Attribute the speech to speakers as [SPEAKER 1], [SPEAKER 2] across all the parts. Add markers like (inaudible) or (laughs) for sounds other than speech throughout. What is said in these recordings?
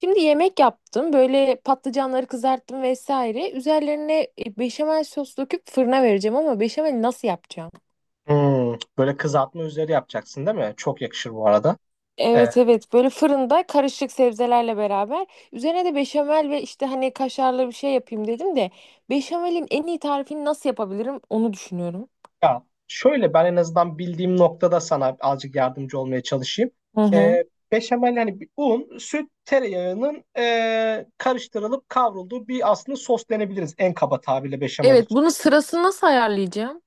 [SPEAKER 1] Şimdi yemek yaptım. Böyle patlıcanları kızarttım vesaire. Üzerlerine beşamel sos döküp fırına vereceğim ama beşamel nasıl yapacağım?
[SPEAKER 2] Hmm, böyle kızartma üzeri yapacaksın değil mi? Çok yakışır bu arada. Ee,
[SPEAKER 1] Evet evet, böyle fırında karışık sebzelerle beraber üzerine de beşamel ve işte hani kaşarlı bir şey yapayım dedim de beşamelin en iyi tarifini nasıl yapabilirim onu düşünüyorum.
[SPEAKER 2] ya şöyle ben en azından bildiğim noktada sana azıcık yardımcı olmaya çalışayım.
[SPEAKER 1] Hı hı.
[SPEAKER 2] Ee, Beşamel yani bir un, süt, tereyağının karıştırılıp kavrulduğu bir aslında sos denebiliriz en kaba tabirle beşamel
[SPEAKER 1] Evet,
[SPEAKER 2] için.
[SPEAKER 1] bunun sırasını nasıl ayarlayacağım?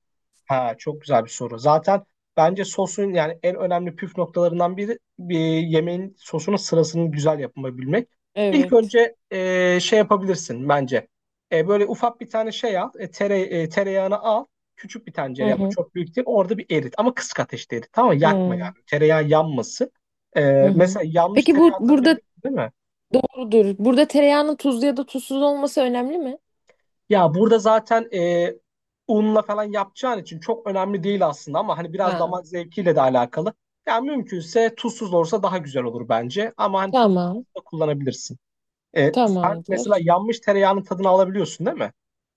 [SPEAKER 2] Ha, çok güzel bir soru. Zaten bence sosun yani en önemli püf noktalarından biri bir yemeğin sosunun sırasını güzel yapabilmek. İlk
[SPEAKER 1] Evet.
[SPEAKER 2] önce şey yapabilirsin bence. Böyle ufak bir tane şey al, tereyağını al. Küçük bir
[SPEAKER 1] Hı
[SPEAKER 2] tencere ama
[SPEAKER 1] hı.
[SPEAKER 2] çok büyük değil. Orada bir erit ama kısık ateşte erit. Tamam mı? Yakma
[SPEAKER 1] Hı
[SPEAKER 2] yani. Tereyağı yanmasın. E,
[SPEAKER 1] hı. Hı.
[SPEAKER 2] Mesela yanmış
[SPEAKER 1] Peki bu
[SPEAKER 2] tereyağı tadını
[SPEAKER 1] burada
[SPEAKER 2] biliyorsun değil mi?
[SPEAKER 1] doğrudur. Burada tereyağının tuzlu ya da tuzsuz olması önemli mi?
[SPEAKER 2] Ya burada zaten unla falan yapacağın için çok önemli değil aslında ama hani biraz
[SPEAKER 1] Ha.
[SPEAKER 2] damak zevkiyle de alakalı. Ya mümkünse tuzsuz olursa daha güzel olur bence ama hani tuzlu
[SPEAKER 1] Tamam.
[SPEAKER 2] da kullanabilirsin. Sen mesela
[SPEAKER 1] Tamamdır.
[SPEAKER 2] yanmış tereyağının tadını alabiliyorsun değil mi?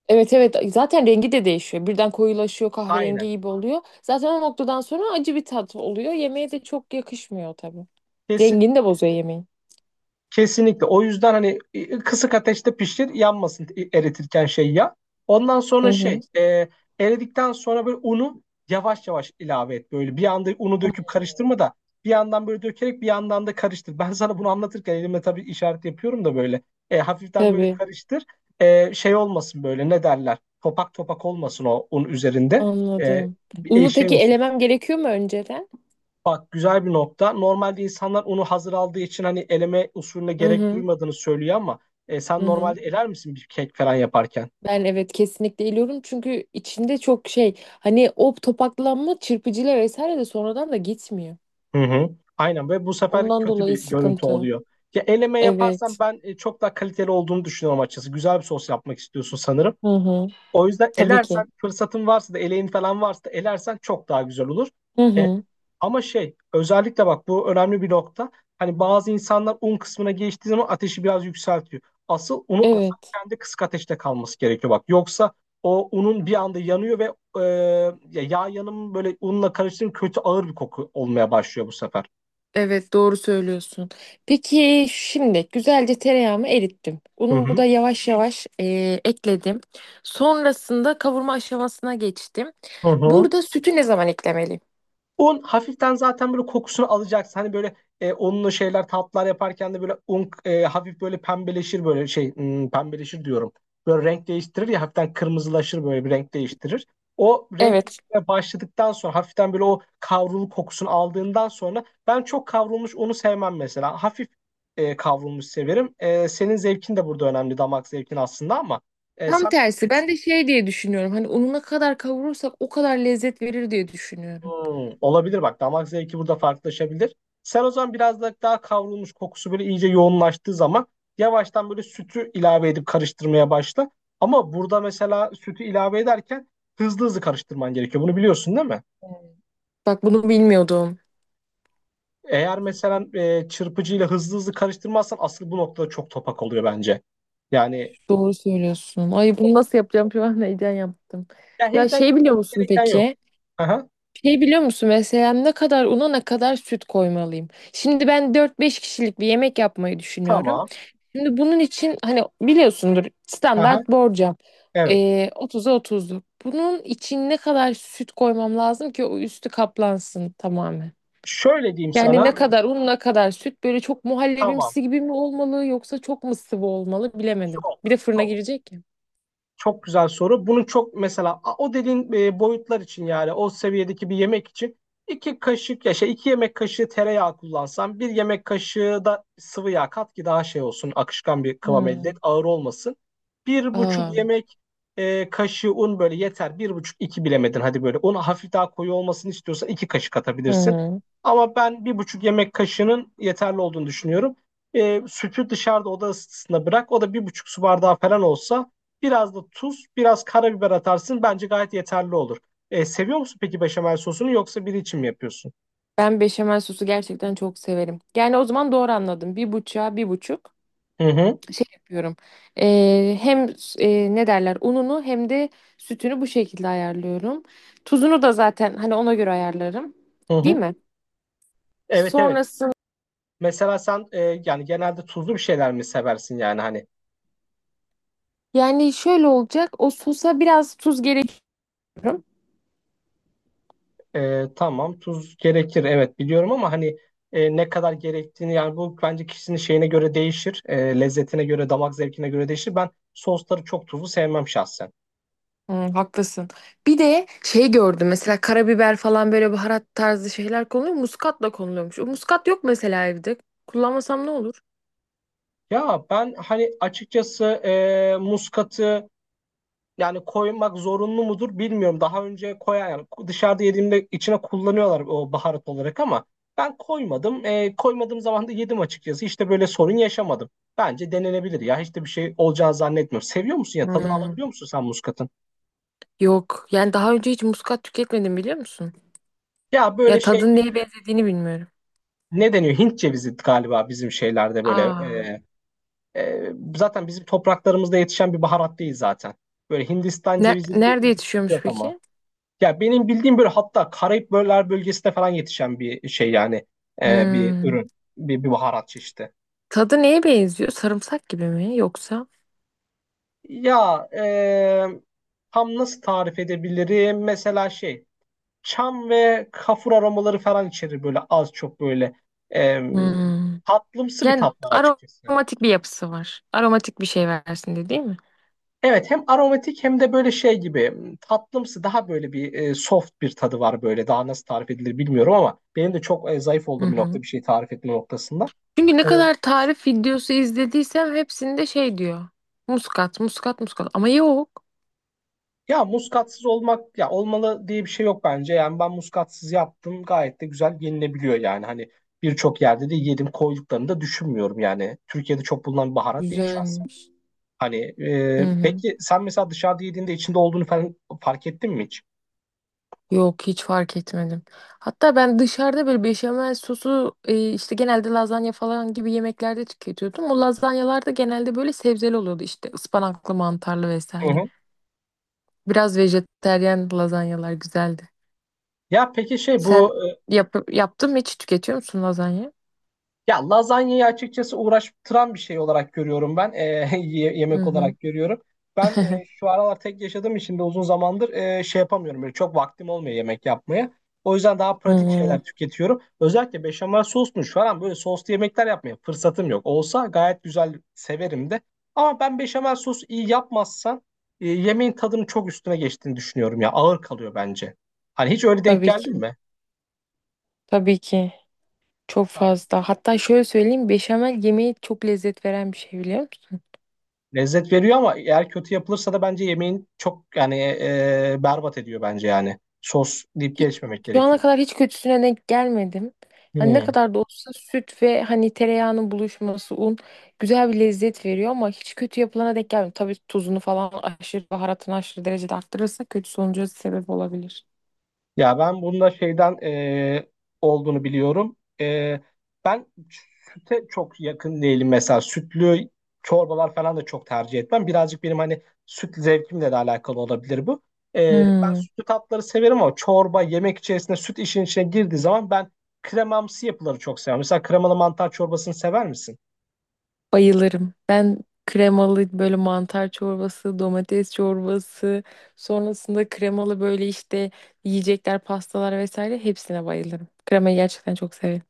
[SPEAKER 1] Evet evet, zaten rengi de değişiyor. Birden koyulaşıyor, kahverengi
[SPEAKER 2] Aynen.
[SPEAKER 1] gibi oluyor. Zaten o noktadan sonra acı bir tat oluyor. Yemeğe de çok yakışmıyor tabii.
[SPEAKER 2] Kesinlikle.
[SPEAKER 1] Rengini de bozuyor yemeğin.
[SPEAKER 2] Kesinlikle. O yüzden hani kısık ateşte pişir, yanmasın, eritirken şey ya. Ondan
[SPEAKER 1] Hı
[SPEAKER 2] sonra
[SPEAKER 1] hı.
[SPEAKER 2] eridikten sonra böyle unu yavaş yavaş ilave et. Böyle bir anda unu döküp karıştırma da bir yandan böyle dökerek bir yandan da karıştır. Ben sana bunu anlatırken elimle tabii işaret yapıyorum da böyle. Hafiften böyle
[SPEAKER 1] Tabii,
[SPEAKER 2] karıştır. Şey olmasın böyle ne derler? Topak topak olmasın o un üzerinde. E,
[SPEAKER 1] anladım. Unu
[SPEAKER 2] Şey
[SPEAKER 1] peki
[SPEAKER 2] olsun.
[SPEAKER 1] elemem gerekiyor mu önceden?
[SPEAKER 2] Bak güzel bir nokta. Normalde insanlar onu hazır aldığı için hani eleme usulüne
[SPEAKER 1] Hı
[SPEAKER 2] gerek
[SPEAKER 1] hı.
[SPEAKER 2] duymadığını söylüyor ama sen
[SPEAKER 1] Hı hı.
[SPEAKER 2] normalde eler misin bir kek falan yaparken?
[SPEAKER 1] Ben evet, kesinlikle eliyorum çünkü içinde çok şey, hani o topaklanma çırpıcıyla vesaire de sonradan da gitmiyor.
[SPEAKER 2] Hı hı. Aynen ve bu sefer
[SPEAKER 1] Ondan
[SPEAKER 2] kötü
[SPEAKER 1] dolayı
[SPEAKER 2] bir görüntü
[SPEAKER 1] sıkıntı.
[SPEAKER 2] oluyor. Ya eleme
[SPEAKER 1] Evet.
[SPEAKER 2] yaparsan ben çok daha kaliteli olduğunu düşünüyorum açıkçası. Güzel bir sos yapmak istiyorsun sanırım.
[SPEAKER 1] Hı hı.
[SPEAKER 2] O yüzden
[SPEAKER 1] Tabii
[SPEAKER 2] elersen
[SPEAKER 1] ki.
[SPEAKER 2] fırsatın varsa da eleğin falan varsa da elersen çok daha güzel olur.
[SPEAKER 1] Hı
[SPEAKER 2] E,
[SPEAKER 1] hı.
[SPEAKER 2] Ama şey özellikle bak bu önemli bir nokta. Hani bazı insanlar un kısmına geçtiği zaman ateşi biraz yükseltiyor. Asıl unu
[SPEAKER 1] Evet.
[SPEAKER 2] atarken de kısık ateşte kalması gerekiyor bak. Yoksa o unun bir anda yanıyor ve e, ya yağ yanımı böyle unla karıştırınca kötü ağır bir koku olmaya başlıyor bu sefer.
[SPEAKER 1] Evet, doğru söylüyorsun. Peki şimdi güzelce tereyağımı erittim.
[SPEAKER 2] Hı
[SPEAKER 1] Unumu
[SPEAKER 2] hı.
[SPEAKER 1] da yavaş yavaş ekledim. Sonrasında kavurma aşamasına geçtim.
[SPEAKER 2] Hı hı.
[SPEAKER 1] Burada sütü ne zaman eklemeliyim?
[SPEAKER 2] Un hafiften zaten böyle kokusunu alacaksın. Hani böyle unlu şeyler tatlar yaparken de böyle un, hafif böyle pembeleşir böyle pembeleşir diyorum. Böyle renk değiştirir ya hafiften kırmızılaşır böyle bir renk değiştirir. O renk
[SPEAKER 1] Evet.
[SPEAKER 2] başladıktan sonra hafiften böyle o kavrulu kokusunu aldığından sonra ben çok kavrulmuş unu sevmem mesela. Hafif kavrulmuş severim. Senin zevkin de burada önemli damak zevkin aslında ama e,
[SPEAKER 1] Tam
[SPEAKER 2] sen
[SPEAKER 1] tersi. Ben de şey diye düşünüyorum. Hani unu ne kadar kavurursak o kadar lezzet verir diye düşünüyorum.
[SPEAKER 2] Hmm, olabilir bak damak zevki burada farklılaşabilir. Sen o zaman biraz da daha kavrulmuş kokusu böyle iyice yoğunlaştığı zaman yavaştan böyle sütü ilave edip karıştırmaya başla. Ama burada mesela sütü ilave ederken hızlı hızlı karıştırman gerekiyor. Bunu biliyorsun değil mi?
[SPEAKER 1] Bak, bunu bilmiyordum.
[SPEAKER 2] Eğer mesela çırpıcıyla hızlı hızlı karıştırmazsan asıl bu noktada çok topak oluyor bence. Yani
[SPEAKER 1] Doğru söylüyorsun. Ay, bunu nasıl yapacağım? Şu an (laughs) heyecan yaptım.
[SPEAKER 2] ya
[SPEAKER 1] Ya
[SPEAKER 2] heyecan
[SPEAKER 1] şey, biliyor
[SPEAKER 2] yapmak
[SPEAKER 1] musun
[SPEAKER 2] gereken yok.
[SPEAKER 1] peki?
[SPEAKER 2] Aha,
[SPEAKER 1] Şey, biliyor musun mesela ne kadar una ne kadar süt koymalıyım? Şimdi ben dört beş kişilik bir yemek yapmayı düşünüyorum.
[SPEAKER 2] tamam.
[SPEAKER 1] Şimdi bunun için hani biliyorsundur,
[SPEAKER 2] Aha,
[SPEAKER 1] standart borcam.
[SPEAKER 2] evet.
[SPEAKER 1] 30'a 30'luk. Bunun için ne kadar süt koymam lazım ki o üstü kaplansın tamamen?
[SPEAKER 2] Şöyle diyeyim
[SPEAKER 1] Yani ne
[SPEAKER 2] sana.
[SPEAKER 1] kadar un, ne kadar süt, böyle çok
[SPEAKER 2] Tamam.
[SPEAKER 1] muhallebimsi gibi mi olmalı, yoksa çok mı sıvı olmalı bilemedim. Bir
[SPEAKER 2] Çok.
[SPEAKER 1] de fırına girecek.
[SPEAKER 2] Çok güzel soru. Bunun çok mesela o dediğin boyutlar için yani o seviyedeki bir yemek için iki kaşık ya şey iki yemek kaşığı tereyağı kullansan bir yemek kaşığı da sıvı yağ kat ki daha şey olsun akışkan bir kıvam elde et
[SPEAKER 1] Hmm.
[SPEAKER 2] ağır olmasın. Bir
[SPEAKER 1] Aa.
[SPEAKER 2] buçuk yemek kaşığı un böyle yeter. Bir buçuk iki bilemedin hadi böyle un hafif daha koyu olmasını istiyorsan iki kaşık
[SPEAKER 1] Hı
[SPEAKER 2] atabilirsin.
[SPEAKER 1] hı.
[SPEAKER 2] Ama ben bir buçuk yemek kaşığının yeterli olduğunu düşünüyorum. Sütü dışarıda oda ısısında bırak o da bir buçuk su bardağı falan olsa biraz da tuz, biraz karabiber atarsın. Bence gayet yeterli olur. Seviyor musun peki beşamel sosunu yoksa biri için mi yapıyorsun?
[SPEAKER 1] Ben beşamel sosu gerçekten çok severim. Yani o zaman doğru anladım. Bir buçuğa bir buçuk
[SPEAKER 2] Hı hı,
[SPEAKER 1] şey yapıyorum. Hem ne derler ununu hem de sütünü bu şekilde ayarlıyorum. Tuzunu da zaten hani ona göre ayarlarım.
[SPEAKER 2] hı
[SPEAKER 1] Değil
[SPEAKER 2] hı.
[SPEAKER 1] mi?
[SPEAKER 2] Evet evet.
[SPEAKER 1] Sonrasında
[SPEAKER 2] Mesela sen yani genelde tuzlu bir şeyler mi seversin yani hani
[SPEAKER 1] yani şöyle olacak. O sosa biraz tuz gerekiyor.
[SPEAKER 2] Tamam tuz gerekir evet biliyorum ama hani ne kadar gerektiğini yani bu bence kişinin şeyine göre değişir. Lezzetine göre, damak zevkine göre değişir. Ben sosları çok tuzlu sevmem şahsen.
[SPEAKER 1] Hmm, haklısın. Bir de şey gördüm, mesela karabiber falan, böyle baharat tarzı şeyler konuluyor. Muskatla konuluyormuş. O muskat yok mesela evde. Kullanmasam ne olur?
[SPEAKER 2] Ya ben hani açıkçası muskatı yani koymak zorunlu mudur bilmiyorum. Daha önce koyan yani dışarıda yediğimde içine kullanıyorlar o baharat olarak ama ben koymadım. Koymadığım zaman da yedim açıkçası. İşte böyle sorun yaşamadım. Bence denenebilir ya. Hiç de bir şey olacağını zannetmiyorum. Seviyor musun ya? Tadını
[SPEAKER 1] Hmm,
[SPEAKER 2] alabiliyor musun sen muskatın?
[SPEAKER 1] yok. Yani daha önce hiç muskat tüketmedim, biliyor musun?
[SPEAKER 2] Ya böyle
[SPEAKER 1] Ya
[SPEAKER 2] şey
[SPEAKER 1] tadın neye benzediğini bilmiyorum.
[SPEAKER 2] ne deniyor? Hint cevizi galiba bizim şeylerde böyle.
[SPEAKER 1] Aa.
[SPEAKER 2] Zaten bizim topraklarımızda yetişen bir baharat değil zaten. Böyle Hindistan
[SPEAKER 1] Ne,
[SPEAKER 2] cevizi gibi bir
[SPEAKER 1] nerede
[SPEAKER 2] ilgisi
[SPEAKER 1] yetişiyormuş
[SPEAKER 2] yok ama.
[SPEAKER 1] peki?
[SPEAKER 2] Ya benim bildiğim böyle hatta Karayip bölgesinde falan yetişen bir şey yani bir
[SPEAKER 1] Hmm.
[SPEAKER 2] ürün, bir baharat çeşidi.
[SPEAKER 1] Tadı neye benziyor? Sarımsak gibi mi yoksa?
[SPEAKER 2] Ya, tam nasıl tarif edebilirim? Mesela şey çam ve kafur aromaları falan içerir böyle az çok böyle e,
[SPEAKER 1] Hmm.
[SPEAKER 2] tatlımsı bir
[SPEAKER 1] Yani
[SPEAKER 2] tat var açıkçası.
[SPEAKER 1] aromatik bir yapısı var. Aromatik bir şey versin diye, değil mi?
[SPEAKER 2] Evet hem aromatik hem de böyle şey gibi tatlımsı daha böyle bir soft bir tadı var böyle daha nasıl tarif edilir bilmiyorum ama benim de çok zayıf
[SPEAKER 1] Hı
[SPEAKER 2] olduğum bir nokta
[SPEAKER 1] hı.
[SPEAKER 2] bir şey tarif etme noktasında.
[SPEAKER 1] Çünkü ne
[SPEAKER 2] E,
[SPEAKER 1] kadar tarif videosu izlediysem hepsinde şey diyor. Muskat, muskat, muskat. Ama yok.
[SPEAKER 2] Ya muskatsız olmak ya olmalı diye bir şey yok bence. Yani ben muskatsız yaptım gayet de güzel yenilebiliyor yani. Hani birçok yerde de yedim koyduklarını da düşünmüyorum yani. Türkiye'de çok bulunan bir baharat değil şahsen.
[SPEAKER 1] Güzelmiş.
[SPEAKER 2] Hani
[SPEAKER 1] Hı hı.
[SPEAKER 2] peki sen mesela dışarıda yediğinde içinde olduğunu falan fark ettin mi hiç?
[SPEAKER 1] Yok, hiç fark etmedim. Hatta ben dışarıda böyle beşamel sosu işte genelde lazanya falan gibi yemeklerde tüketiyordum. O lazanyalar da genelde böyle sebzeli oluyordu, işte ıspanaklı, mantarlı
[SPEAKER 2] Hı
[SPEAKER 1] vesaire.
[SPEAKER 2] hı.
[SPEAKER 1] Biraz vejetaryen lazanyalar güzeldi.
[SPEAKER 2] Ya peki şey
[SPEAKER 1] Sen
[SPEAKER 2] bu e,
[SPEAKER 1] yaptın mı, hiç tüketiyor musun lazanya?
[SPEAKER 2] Ya lazanyayı açıkçası uğraştıran bir şey olarak görüyorum ben. (laughs)
[SPEAKER 1] Hı
[SPEAKER 2] Yemek
[SPEAKER 1] hı.
[SPEAKER 2] olarak görüyorum. Ben
[SPEAKER 1] (laughs)
[SPEAKER 2] şu aralar tek yaşadığım için de uzun zamandır şey yapamıyorum. Böyle çok vaktim olmuyor yemek yapmaya. O yüzden daha pratik
[SPEAKER 1] Hı,
[SPEAKER 2] şeyler tüketiyorum. Özellikle beşamel sosmuş falan böyle soslu yemekler yapmaya fırsatım yok. Olsa gayet güzel severim de. Ama ben beşamel sos iyi yapmazsan yemeğin tadının çok üstüne geçtiğini düşünüyorum ya. Ağır kalıyor bence. Hani hiç öyle denk
[SPEAKER 1] tabii ki.
[SPEAKER 2] geldin mi?
[SPEAKER 1] Tabii ki. Çok fazla. Hatta şöyle söyleyeyim, beşamel yemeği çok lezzet veren bir şey, biliyor musun?
[SPEAKER 2] Lezzet veriyor ama eğer kötü yapılırsa da bence yemeğin çok yani berbat ediyor bence yani. Sos deyip
[SPEAKER 1] Hiç,
[SPEAKER 2] geçmemek
[SPEAKER 1] şu ana
[SPEAKER 2] gerekiyor.
[SPEAKER 1] kadar hiç kötüsüne denk gelmedim. Hani ne
[SPEAKER 2] Hmm.
[SPEAKER 1] kadar da olsa süt ve hani tereyağının buluşması, un güzel bir lezzet veriyor, ama hiç kötü yapılana denk gelmedim. Tabii tuzunu falan aşırı, baharatını aşırı derecede arttırırsa kötü sonuca sebep olabilir.
[SPEAKER 2] Ya ben bunda olduğunu biliyorum. E, ben süte çok yakın değilim mesela. Sütlü çorbalar falan da çok tercih etmem. Birazcık benim hani süt zevkimle de alakalı olabilir bu. E, Ben
[SPEAKER 1] Hmm.
[SPEAKER 2] sütlü tatları severim ama çorba yemek içerisinde süt işin içine girdiği zaman ben kremamsı yapıları çok seviyorum. Mesela kremalı mantar çorbasını sever misin?
[SPEAKER 1] Bayılırım. Ben kremalı böyle mantar çorbası, domates çorbası, sonrasında kremalı böyle işte yiyecekler, pastalar vesaire, hepsine bayılırım. Kremayı gerçekten çok severim.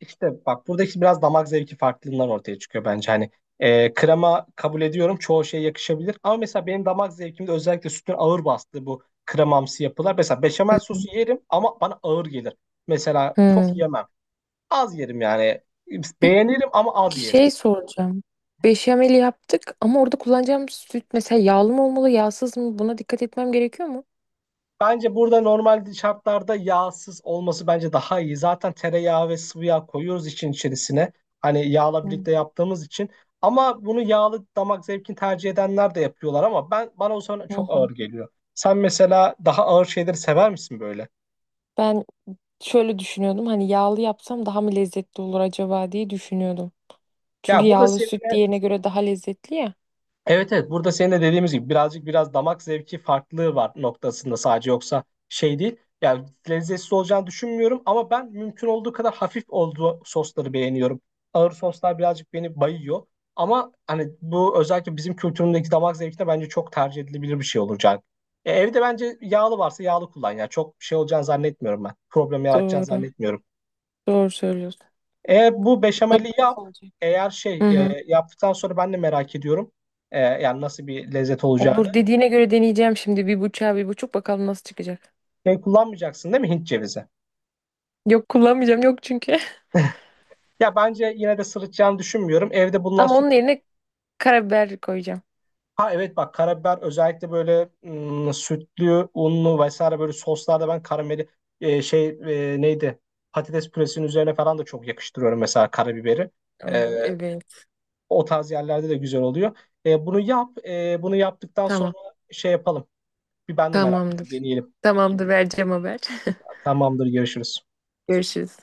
[SPEAKER 2] İşte bak buradaki biraz damak zevki farklılığından ortaya çıkıyor bence. Hani krema kabul ediyorum çoğu şeye yakışabilir. Ama mesela benim damak zevkimde özellikle sütün ağır bastığı bu kremamsı yapılar. Mesela beşamel sosu yerim ama bana ağır gelir. Mesela çok
[SPEAKER 1] Hmm.
[SPEAKER 2] yemem. Az yerim yani. Beğenirim ama az
[SPEAKER 1] Peki
[SPEAKER 2] yerim.
[SPEAKER 1] şey soracağım. Beşamel yaptık ama orada kullanacağım süt mesela yağlı mı olmalı, yağsız mı? Buna dikkat etmem gerekiyor mu?
[SPEAKER 2] Bence burada normal şartlarda yağsız olması bence daha iyi. Zaten tereyağı ve sıvı yağ koyuyoruz için içerisine. Hani yağla
[SPEAKER 1] Hmm.
[SPEAKER 2] birlikte yaptığımız için. Ama bunu yağlı damak zevkini tercih edenler de yapıyorlar ama ben bana o zaman
[SPEAKER 1] Hı
[SPEAKER 2] çok ağır
[SPEAKER 1] hı.
[SPEAKER 2] geliyor. Sen mesela daha ağır şeyleri sever misin böyle?
[SPEAKER 1] Ben şöyle düşünüyordum, hani yağlı yapsam daha mı lezzetli olur acaba diye düşünüyordum.
[SPEAKER 2] Ya
[SPEAKER 1] Çünkü
[SPEAKER 2] burada
[SPEAKER 1] yağlı süt
[SPEAKER 2] senin
[SPEAKER 1] diğerine göre daha lezzetli ya.
[SPEAKER 2] Evet evet burada senin de dediğimiz gibi birazcık biraz damak zevki farklılığı var noktasında sadece yoksa şey değil. Yani lezzetsiz olacağını düşünmüyorum ama ben mümkün olduğu kadar hafif olduğu sosları beğeniyorum. Ağır soslar birazcık beni bayıyor. Ama hani bu özellikle bizim kültürümüzdeki damak zevkine bence çok tercih edilebilir bir şey olacak. Evde bence yağlı varsa yağlı kullan ya. Çok şey olacağını zannetmiyorum ben. Problem yaratacağını
[SPEAKER 1] Doğru.
[SPEAKER 2] zannetmiyorum.
[SPEAKER 1] Doğru söylüyorsun.
[SPEAKER 2] Eğer bu
[SPEAKER 1] Bakalım
[SPEAKER 2] beşameli yap,
[SPEAKER 1] nasıl olacak.
[SPEAKER 2] eğer
[SPEAKER 1] Hı hı.
[SPEAKER 2] yaptıktan sonra ben de merak ediyorum. Yani nasıl bir lezzet
[SPEAKER 1] Olur
[SPEAKER 2] olacağını.
[SPEAKER 1] dediğine göre deneyeceğim, şimdi bir bıçağı bir buçuk, bakalım nasıl çıkacak.
[SPEAKER 2] Şey kullanmayacaksın değil mi Hint cevizi?
[SPEAKER 1] Yok, kullanmayacağım yok çünkü. (laughs)
[SPEAKER 2] Ya bence yine de sırıtacağını düşünmüyorum. Evde bulunan
[SPEAKER 1] Ama
[SPEAKER 2] süt.
[SPEAKER 1] onun yerine karabiber koyacağım.
[SPEAKER 2] Ha evet bak karabiber özellikle böyle sütlü, unlu vesaire böyle soslarda ben karameli e, şey neydi? Patates püresinin üzerine falan da çok yakıştırıyorum mesela karabiberi. E,
[SPEAKER 1] Ay, evet.
[SPEAKER 2] O tarz yerlerde de güzel oluyor. Bunu yap. Bunu yaptıktan
[SPEAKER 1] Tamam.
[SPEAKER 2] sonra şey yapalım. Bir ben de merak ettim.
[SPEAKER 1] Tamamdır.
[SPEAKER 2] Deneyelim.
[SPEAKER 1] Tamamdır, vereceğim haber. (laughs)
[SPEAKER 2] Tamamdır, görüşürüz.
[SPEAKER 1] Görüşürüz.